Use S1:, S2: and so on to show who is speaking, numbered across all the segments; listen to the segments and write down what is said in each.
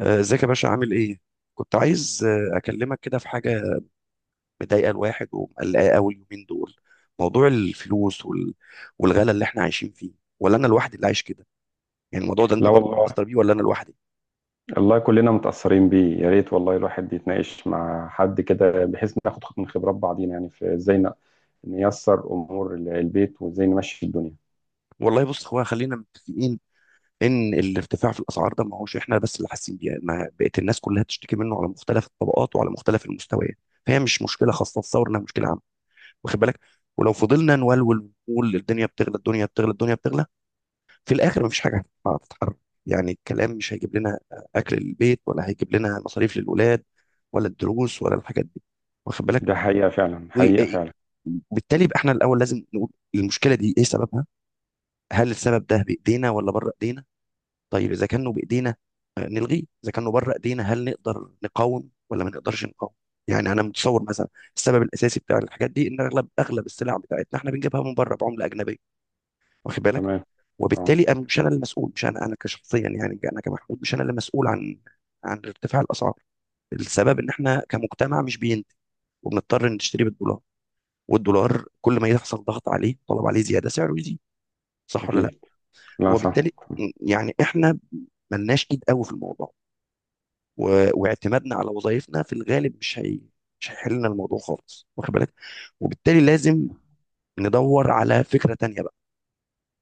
S1: آه، ازيك يا باشا عامل ايه؟ كنت عايز اكلمك كده في حاجه. مضايقه الواحد ومقلقاه قوي اليومين دول. موضوع الفلوس والغلا اللي احنا عايشين فيه، ولا انا لوحدي اللي عايش كده؟ يعني الموضوع ده انت
S2: لا
S1: برضه
S2: والله.
S1: بتأثر بيه ولا انا لوحدي؟
S2: الله كلنا متأثرين بيه، يا ريت والله الواحد يتناقش مع حد كده بحيث ناخد من خبرات بعضينا، يعني في ازاي نيسر امور البيت وازاي نمشي الدنيا.
S1: والله بص، هو خلينا متفقين ان الارتفاع في الاسعار ده ما هوش احنا بس اللي حاسين بيه، ما بقت الناس كلها بتشتكي منه على مختلف الطبقات وعلى مختلف المستويات. فهي مش مشكله خاصه، تصور انها مشكله عامه. واخد بالك؟ ولو فضلنا نولول ونقول الدنيا بتغلى الدنيا بتغلى الدنيا بتغلى، في الاخر مفيش حاجه هتتحرك. يعني الكلام مش هيجيب لنا اكل للبيت، ولا هيجيب لنا مصاريف للولاد، ولا الدروس، ولا الحاجات دي. واخد بالك؟
S2: ده حقيقة فعلا، حقيقة فعلا.
S1: وبالتالي يبقى احنا الاول لازم نقول المشكله دي ايه سببها. هل السبب ده بايدينا ولا بره ايدينا؟ طيب اذا كانه بايدينا نلغيه، اذا كانه بره ايدينا هل نقدر نقاوم ولا ما نقدرش نقاوم؟ يعني انا متصور مثلا السبب الاساسي بتاع الحاجات دي ان اغلب السلع بتاعتنا احنا بنجيبها من بره بعمله اجنبيه. واخد بالك؟
S2: تمام. اه،
S1: وبالتالي مش انا المسؤول، مش انا كشخصيا، يعني انا كمحمود مش انا اللي مسؤول عن عن ارتفاع الاسعار. السبب ان احنا كمجتمع مش بينتج، وبنضطر نشتري بالدولار، والدولار كل ما يحصل ضغط عليه طلب عليه زياده سعره يزيد. صح ولا لا؟
S2: اكيد. لا، صح.
S1: وبالتالي يعني احنا ملناش ايد قوي في الموضوع و... واعتمادنا على وظائفنا في الغالب مش هيحل لنا الموضوع خالص. واخد بالك؟ وبالتالي لازم ندور على فكره تانيه.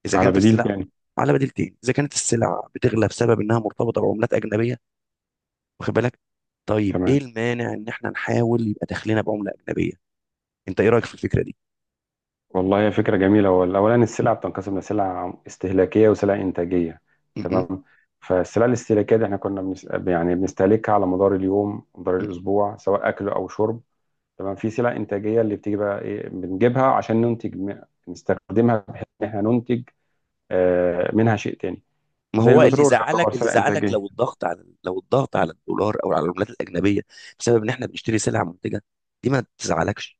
S1: اذا
S2: على
S1: كانت
S2: بديل
S1: السلع
S2: تاني.
S1: على بديلتين، اذا كانت السلع بتغلى بسبب انها مرتبطه بعملات اجنبيه، واخد بالك، طيب ايه
S2: تمام.
S1: المانع ان احنا نحاول يبقى دخلنا بعمله اجنبيه؟ انت ايه رايك في الفكره دي؟
S2: والله هي فكرة جميلة، هو الأولاني السلع بتنقسم لسلع استهلاكية وسلع إنتاجية.
S1: م- م-
S2: تمام. فالسلع الاستهلاكية دي احنا يعني بنستهلكها على مدار اليوم، مدار
S1: م.
S2: الأسبوع، سواء أكل أو شرب. تمام. في سلع انتاجيه اللي بتيجي بقى ايه، بنجيبها عشان ننتج، نستخدمها بحيث ان احنا ننتج منها شيء تاني.
S1: ما
S2: زي
S1: هو اللي
S2: البترول يعتبر
S1: زعلك،
S2: سلع انتاجيه.
S1: لو الضغط على الدولار او على العملات الاجنبيه بسبب ان احنا بنشتري سلع منتجه، دي ما تزعلكش.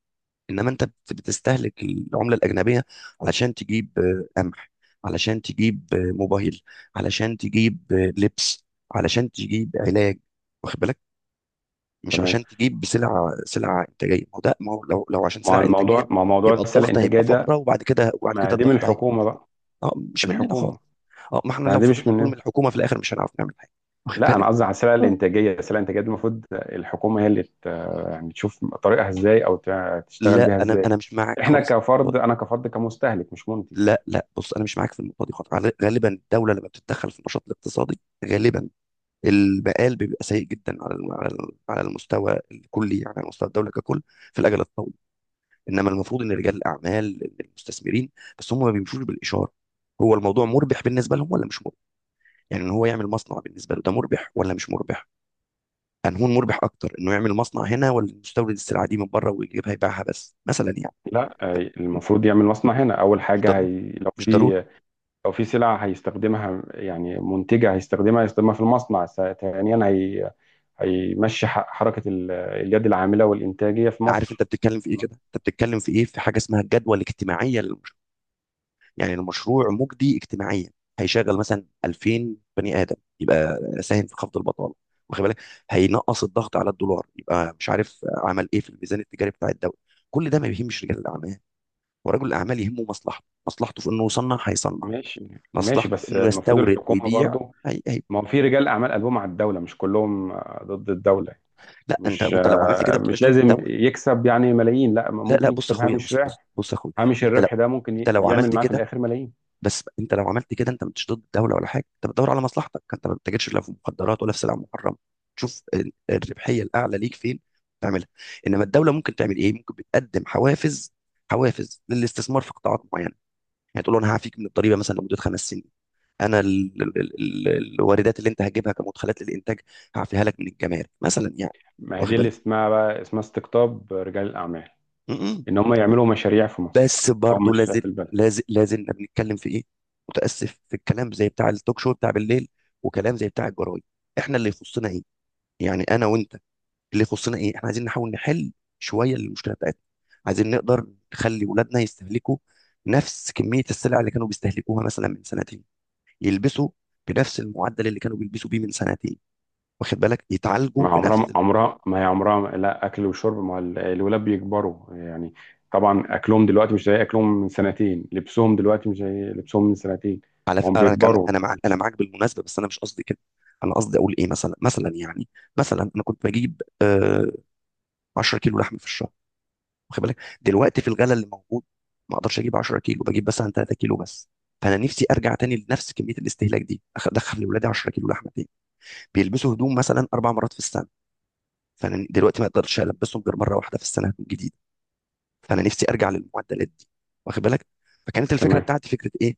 S1: انما انت بتستهلك العمله الاجنبيه علشان تجيب قمح، علشان تجيب موبايل، علشان تجيب لبس، علشان تجيب علاج، واخد بالك؟ مش
S2: تمام
S1: عشان تجيب سلعه انتاجيه. ما هو ده ما هو لو لو عشان
S2: مع
S1: سلعه انتاجيه
S2: الموضوع مع موضوع
S1: يبقى
S2: السلع
S1: الضغط
S2: الانتاجيه
S1: هيبقى
S2: ده.
S1: فتره، وبعد كده وبعد
S2: ما
S1: كده
S2: دي من
S1: الضغط هيبقى
S2: الحكومه
S1: مش موجود.
S2: بقى.
S1: اه، مش مننا خالص.
S2: الحكومه.
S1: اه، ما احنا
S2: لا،
S1: لو
S2: دي مش
S1: فضلنا نقول من
S2: مننا.
S1: الحكومه في الاخر مش هنعرف نعمل حاجه، واخد
S2: لا، انا
S1: بالك.
S2: قصدي على السلع
S1: آه.
S2: الانتاجيه، السلع الانتاجيه دي المفروض الحكومه هي اللي يعني تشوف طريقها ازاي او تشتغل
S1: لا،
S2: بيها
S1: انا
S2: ازاي.
S1: انا مش معاك
S2: احنا
S1: خالص.
S2: كفرد، انا كفرد كمستهلك مش منتج يعني.
S1: لا لا، بص انا مش معاك في النقطه دي خالص. غالبا الدوله لما بتتدخل في النشاط الاقتصادي غالبا المقال بيبقى سيء جدا على المستوى الكلي، يعني على مستوى الدوله ككل في الاجل الطويل. انما المفروض ان رجال الاعمال، إن المستثمرين، بس هم ما بيمشوش بالاشاره. هو الموضوع مربح بالنسبه لهم ولا مش مربح؟ يعني ان هو يعمل مصنع بالنسبه له ده مربح ولا مش مربح؟ انهون مربح اكتر، انه يعمل مصنع هنا ولا يستورد السلعه دي من بره ويجيبها يبيعها بس مثلا يعني.
S2: لا، المفروض يعمل مصنع هنا اول
S1: مش
S2: حاجه،
S1: ضروري،
S2: هي لو
S1: مش ضروري.
S2: في، لو في سلعة هيستخدمها، يعني منتجة هيستخدمها في المصنع، ثانيا هي هيمشي حركة اليد العاملة والإنتاجية في
S1: عارف انت
S2: مصر.
S1: بتتكلم في ايه كده؟
S2: تمام.
S1: انت بتتكلم في ايه في حاجه اسمها الجدوى الاجتماعيه للمشروع، يعني المشروع مجدي اجتماعيا، هيشغل مثلا 2000 بني ادم، يبقى ساهم في خفض البطاله، واخد بالك، هينقص الضغط على الدولار، يبقى مش عارف عمل ايه في الميزان التجاري بتاع الدوله. كل ده ما يهمش رجال الاعمال. ورجل الاعمال يهمه مصلحته، مصلحته في انه يصنع هيصنع،
S2: ماشي. ماشي
S1: مصلحته في
S2: بس
S1: انه
S2: المفروض
S1: يستورد
S2: الحكومة
S1: ويبيع.
S2: برضو.
S1: هي هي.
S2: ما هو في رجال أعمال قلبهم على الدولة، مش كلهم ضد الدولة.
S1: لا، انت
S2: مش،
S1: انت لو عملت كده ما
S2: مش
S1: بتبقاش ضد
S2: لازم
S1: الدوله.
S2: يكسب يعني ملايين، لا
S1: لا لا،
S2: ممكن
S1: بص يا
S2: يكسب
S1: اخويا،
S2: هامش
S1: بص
S2: ربح.
S1: بص بص يا اخويا.
S2: هامش
S1: انت لو
S2: الربح ده ممكن
S1: انت لو
S2: يعمل
S1: عملت
S2: معاه في
S1: كده،
S2: الآخر ملايين.
S1: بس انت لو عملت كده انت مش ضد الدوله ولا حاجه، انت بتدور على مصلحتك، انت ما بتتاجرش لا في مخدرات ولا في سلع محرمه، تشوف الربحيه الاعلى ليك فين، تعملها. انما الدوله ممكن تعمل ايه؟ ممكن بتقدم حوافز، حوافز للاستثمار في قطاعات معينه. يعني تقول له انا هعفيك من الضريبه مثلا لمده 5 سنين، انا الواردات اللي انت هتجيبها كمدخلات للانتاج هعفيها لك من الجمارك مثلا يعني.
S2: ما هي
S1: واخد
S2: دي اللي
S1: بالك؟
S2: اسمها استقطاب رجال الأعمال،
S1: م- م.
S2: إن هم يعملوا مشاريع في مصر
S1: بس
S2: أو
S1: برضه
S2: مشاريع
S1: لازل
S2: في البلد.
S1: لازل لازلنا بنتكلم في ايه؟ متاسف، في الكلام زي بتاع التوك شو بتاع بالليل، وكلام زي بتاع الجرايد. احنا اللي يخصنا ايه؟ يعني انا وانت اللي يخصنا ايه؟ احنا عايزين نحاول نحل شويه المشكله بتاعتنا. عايزين نقدر نخلي اولادنا يستهلكوا نفس كميه السلع اللي كانوا بيستهلكوها مثلا من سنتين، يلبسوا بنفس المعدل اللي كانوا بيلبسوا بيه من سنتين، واخد بالك، يتعالجوا
S2: ما عمرها،
S1: بنفس.
S2: عمرها ما هي عمرها لا. اكل وشرب، ما الولاد بيكبروا يعني. طبعا اكلهم دلوقتي مش زي اكلهم من سنتين، لبسهم دلوقتي مش زي لبسهم من سنتين. هم
S1: انا كان
S2: بيكبروا.
S1: انا معاك بالمناسبه، بس انا مش قصدي كده. انا قصدي اقول ايه، مثلا يعني، مثلا انا كنت بجيب 10 كيلو لحمه في الشهر، واخد بالك، دلوقتي في الغلا اللي موجود ما اقدرش اجيب 10 كيلو، بجيب مثلا 3 كيلو بس. فانا نفسي ارجع تاني لنفس كميه الاستهلاك دي، ادخل لاولادي 10 كيلو لحمه تاني. بيلبسوا هدوم مثلا 4 مرات في السنه، فانا دلوقتي ما اقدرش البسهم غير مره واحده في السنه هدوم جديده. فانا نفسي ارجع للمعدلات دي، واخد بالك. فكانت الفكره
S2: تمام.
S1: بتاعتي فكره ايه؟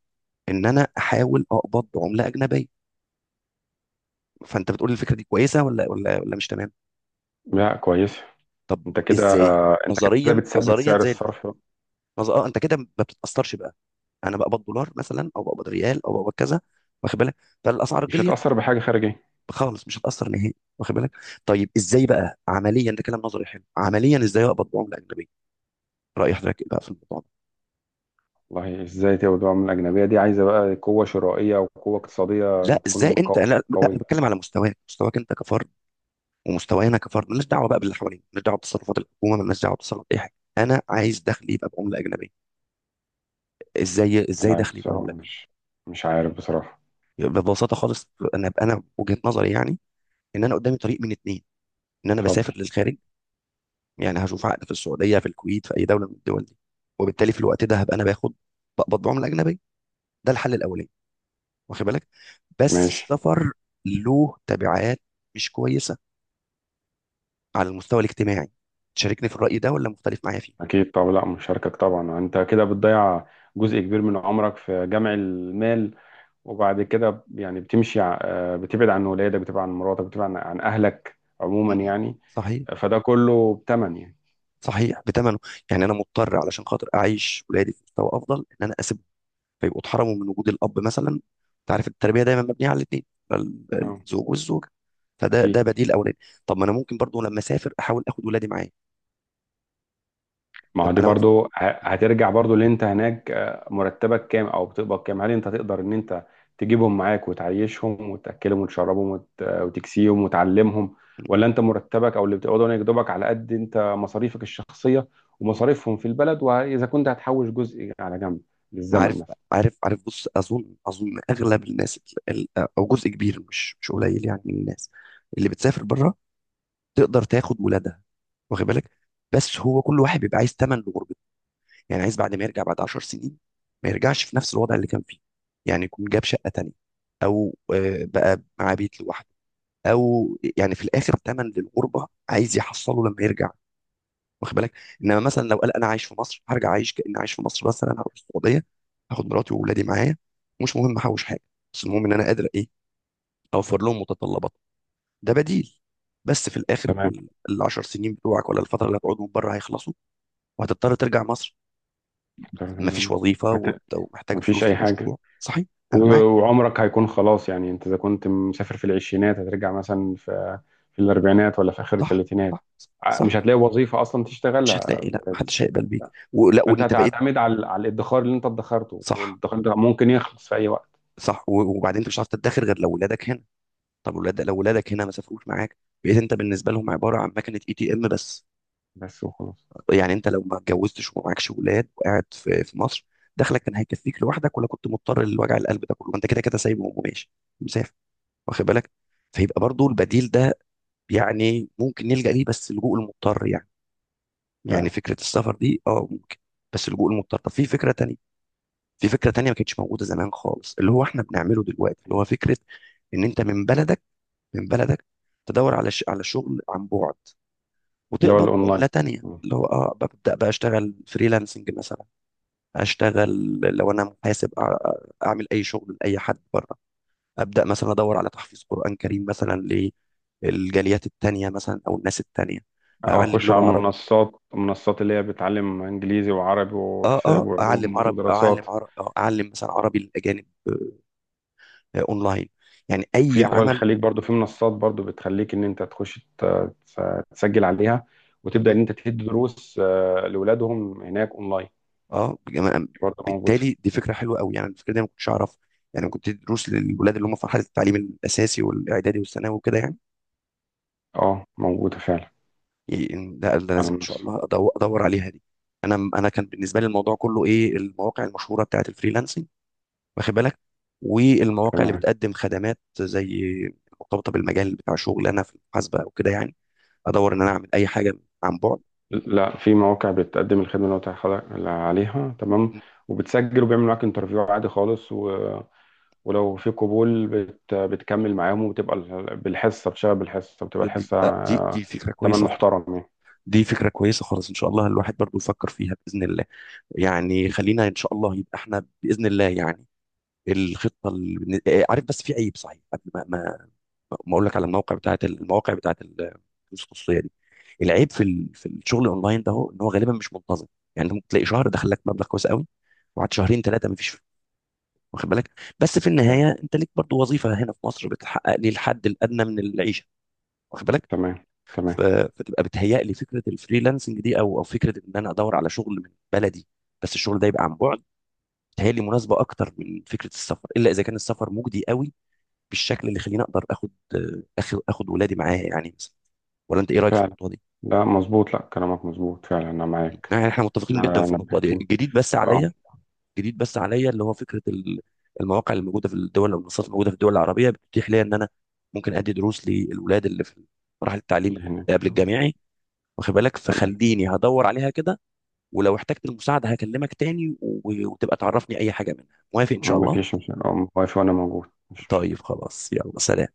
S1: ان انا احاول اقبض بعمله اجنبيه. فانت بتقول الفكره دي كويسه ولا مش تمام؟
S2: لا، كويس.
S1: طب ازاي؟
S2: انت كده
S1: نظريا
S2: بتثبت
S1: نظريا
S2: سعر
S1: زي الف-
S2: الصرف،
S1: نظ... اه انت كده ما بتتاثرش بقى. انا بقبض دولار مثلا، او بقبض ريال، او بقبض كذا. واخد بالك؟ فالاسعار
S2: مش
S1: غليت،
S2: هتأثر بحاجة خارجية.
S1: خالص مش هتاثر نهائي، واخد بالك. طيب ازاي بقى عمليا؟ ده كلام نظري حلو، عمليا ازاي اقبض بعمله اجنبيه؟ راي حضرتك إيه بقى في الموضوع ده؟
S2: والله، ازاي تبقى من الأجنبية دي؟ عايزة بقى قوة شرائية وقوة اقتصادية،
S1: لا ازاي
S2: تكون
S1: انت، لا، لا. انا
S2: قوية.
S1: بتكلم على مستواك، مستواك انت كفرد، ومستوانا كفرد. مالناش دعوه بقى باللي حوالينا، مالناش دعوه بتصرفات الحكومه، مالناش دعوه بتصرفات اي حاجه. انا عايز دخلي يبقى بعمله اجنبيه. ازاي ازاي
S2: لا
S1: دخلي يبقى بعمله
S2: بصراحة،
S1: أجنبية؟
S2: مش عارف بصراحة.
S1: ببساطه خالص. انا وجهه نظري يعني ان انا قدامي طريق من اتنين. ان انا
S2: اتفضل.
S1: بسافر للخارج، يعني هشوف عقد في السعوديه، في الكويت، في اي دوله من الدول دي، وبالتالي في الوقت ده هبقى انا باخد، بقبض بعمله اجنبيه. ده الحل الاولاني، واخد بالك. بس
S2: ماشي.
S1: السفر له تبعات مش كويسه على المستوى الاجتماعي. تشاركني في الراي ده ولا مختلف معايا فيه؟
S2: أكيد طبعا، لا مشاركك طبعا. أنت كده بتضيع جزء كبير من عمرك في جمع المال، وبعد كده يعني بتمشي ع- آه، بتبعد عن ولادك، بتبعد عن مراتك، بتبعد عن أهلك
S1: م-
S2: عموما
S1: م.
S2: يعني.
S1: صحيح.
S2: فده كله بتمن يعني.
S1: صحيح، بتمنه، يعني انا مضطر علشان خاطر اعيش ولادي في مستوى افضل ان انا اسيب، فيبقوا اتحرموا من وجود الاب مثلا. انت عارف التربيه دايما مبنيه على الاثنين،
S2: أه.
S1: الزوج والزوجه. فده ده
S2: أكيد.
S1: بديل اولاني. طب ما انا ممكن برضو لما اسافر احاول اخد ولادي معايا،
S2: ما هو
S1: ابقى
S2: دي
S1: انا
S2: برضو هترجع برضو. اللي انت هناك مرتبك كام او بتقبض كام؟ هل انت تقدر ان انت تجيبهم معاك وتعيشهم وتاكلهم وتشربهم وتكسيهم وتعلمهم؟ ولا انت مرتبك او اللي بتقبضه هناك دوبك على قد انت مصاريفك الشخصيه ومصاريفهم في البلد؟ واذا كنت هتحوش جزء على جنب للزمن
S1: عارف
S2: مثلا.
S1: عارف عارف بص، اظن اغلب الناس، ال- او جزء كبير مش قليل يعني من الناس اللي بتسافر بره، تقدر تاخد ولادها، واخد بالك. بس هو كل واحد بيبقى عايز ثمن لغربته. يعني عايز بعد ما يرجع بعد 10 سنين ما يرجعش في نفس الوضع اللي كان فيه، يعني يكون جاب شقة تانية، او بقى معاه بيت لوحده، او يعني في الاخر ثمن للغربة عايز يحصله لما يرجع. واخد بالك؟ انما مثلا لو قال انا عايش في مصر هرجع اعيش كاني عايش في مصر، بس انا هروح السعودية هاخد مراتي واولادي معايا، مش مهم احوش حاجة، بس المهم ان انا قادر ايه، اوفر لهم متطلبات. ده بديل. بس في الاخر ال 10 سنين بتوعك ولا الفتره اللي هتقعدهم بره هيخلصوا، وهتضطر ترجع مصر. ما فيش
S2: تمام.
S1: وظيفه،
S2: هت...
S1: ومحتاج
S2: مفيش
S1: فلوس
S2: اي حاجه.
S1: لمشروع، صحيح، انا
S2: و-
S1: معاك.
S2: وعمرك هيكون خلاص يعني. انت اذا كنت مسافر في العشرينات، هترجع مثلا في الاربعينات ولا في اخر
S1: صح،
S2: الثلاثينات.
S1: صح،
S2: مش
S1: صح،
S2: هتلاقي وظيفه اصلا
S1: مش
S2: تشتغلها
S1: هتلاقي، لا، ما حدش
S2: بالسن
S1: هيقبل
S2: ده،
S1: بيك
S2: لا.
S1: ولا
S2: فانت
S1: وانت بقيت.
S2: هتعتمد على الادخار اللي انت ادخرته،
S1: صح،
S2: والادخار ده ممكن يخلص في اي وقت.
S1: صح، وبعدين انت مش هتعرف تدخر غير لو ولادك هنا. طب لو ولادك هنا ما سافروش معاك، بقيت انت بالنسبه لهم عباره عن مكنه ATM بس.
S2: بس وخلاص.
S1: يعني انت لو ما اتجوزتش وما معكش ولاد وقاعد في مصر، دخلك كان هيكفيك لوحدك ولا كنت مضطر لوجع القلب ده كله، وانت كده كده سايبهم وماشي مسافر، واخد بالك؟ فيبقى برضو البديل ده يعني ممكن نلجأ ليه بس لجوء المضطر. يعني يعني
S2: فعلا.
S1: فكرة السفر دي اه ممكن، بس اللجوء المضطر. طب في فكرة تانية، في فكرة تانية ما كانتش موجودة زمان خالص، اللي هو احنا بنعمله دلوقتي، اللي هو فكرة ان انت من بلدك، من بلدك تدور على شغل عن بعد
S2: اللي هو
S1: وتقبض بعملة
S2: الاونلاين.
S1: تانية،
S2: مم.
S1: اللي هو ببدأ بقى اشتغل فريلانسنج مثلا. اشتغل لو انا محاسب، اعمل اي شغل لاي حد بره. ابدأ مثلا ادور على تحفيظ قرآن كريم مثلا للجاليات التانية مثلا او الناس التانية.
S2: او
S1: اعلم
S2: اخش
S1: لغة
S2: على
S1: عربية.
S2: منصات اللي هي بتعلم انجليزي وعربي وحساب
S1: اه اعلم
S2: وعلوم
S1: عربي،
S2: ودراسات.
S1: اعلم عربي، اعلم مثلا عربي للاجانب، اونلاين، يعني
S2: في
S1: اي
S2: دول
S1: عمل.
S2: الخليج برضو في منصات برضو بتخليك ان انت تخش تس- تسجل عليها،
S1: م-
S2: وتبدا
S1: م.
S2: ان انت تدي دروس لاولادهم هناك اونلاين.
S1: اه بجم-
S2: برضو موجوده.
S1: بالتالي دي فكره حلوه قوي، يعني الفكره دي أنا ما كنتش اعرفها، يعني كنت دروس للولاد اللي هم في مرحله التعليم الاساسي والاعدادي والثانوي وكده يعني.
S2: اه، موجوده فعلا.
S1: ده ده
S2: على
S1: لازم ان شاء
S2: منصات.
S1: الله ادور عليها دي. انا كان بالنسبه لي الموضوع كله ايه؟ المواقع المشهوره بتاعت الفريلانسنج، واخد بالك، والمواقع اللي
S2: تمام.
S1: بتقدم خدمات زي، مرتبطه بالمجال بتاع شغل انا في المحاسبه او كده يعني، ادور ان انا اعمل اي حاجه عن بعد.
S2: لا، في مواقع بتقدم الخدمه اللي قلت لحضرتك عليها، تمام. وبتسجل وبيعمل معاك انترفيو عادي خالص، ولو في قبول بتكمل معاهم وبتبقى بالحصه. بتشتغل بالحصه، بتبقى
S1: دي
S2: الحصه
S1: آه، دي دي فكره
S2: تمن
S1: كويسه خالص.
S2: محترم يعني.
S1: دي فكره كويسه خالص، ان شاء الله الواحد برضو يفكر فيها باذن الله. يعني خلينا ان شاء الله يبقى احنا باذن الله يعني الخطه اللي... بن- آه، عارف، بس في عيب صحيح قبل ما ما اقول لك على الموقع بتاعت المواقع بتاعت الدروس الخصوصيه دي. العيب في الشغل اونلاين ده هو ان هو غالبا مش منتظم. يعني انت ممكن تلاقي شهر دخل لك مبلغ كويس قوي، وبعد شهرين ثلاثه ما فيش، واخد بالك. بس في
S2: فعلا.
S1: النهايه انت ليك برضو وظيفه هنا في مصر بتحقق لي الحد الادنى من العيشه، واخد بالك.
S2: تمام.
S1: ف-
S2: تمام.
S1: فتبقى بتهيأ لي فكره الفريلانسنج دي، او او فكره ان انا ادور على شغل من بلدي بس الشغل ده يبقى عن بعد، بتهيأ لي مناسبه اكتر من فكره السفر، الا اذا كان السفر مجدي قوي بالشكل اللي يخليني اقدر اخد اخد اخد ولادي معايا يعني مثلا. ولا انت ايه رايك في
S2: فعلا.
S1: النقطه دي؟
S2: لا، مظبوط، لا كلامك مظبوط فعلا، انا معاك.
S1: يعني احنا متفقين جدا في النقطه دي.
S2: نبهتني.
S1: الجديد بس
S2: اه.
S1: عليا، الجديد بس عليا اللي هو فكره المواقع اللي موجوده في الدول او المنصات الموجوده في الدول العربيه بتتيح ليا ان انا ممكن ادي دروس للولاد اللي في مراحل التعليم
S2: اللي
S1: اللي
S2: هناك.
S1: قبل الجامعي، واخد بالك.
S2: تمام.
S1: فخليني هدور عليها كده، ولو احتجت المساعدة هكلمك تاني، وتبقى تعرفني أي حاجة منها. موافق إن شاء الله؟
S2: مفيش مشكلة، واقف وانا موجود، مش
S1: طيب
S2: مشكلة.
S1: خلاص، يلا سلام.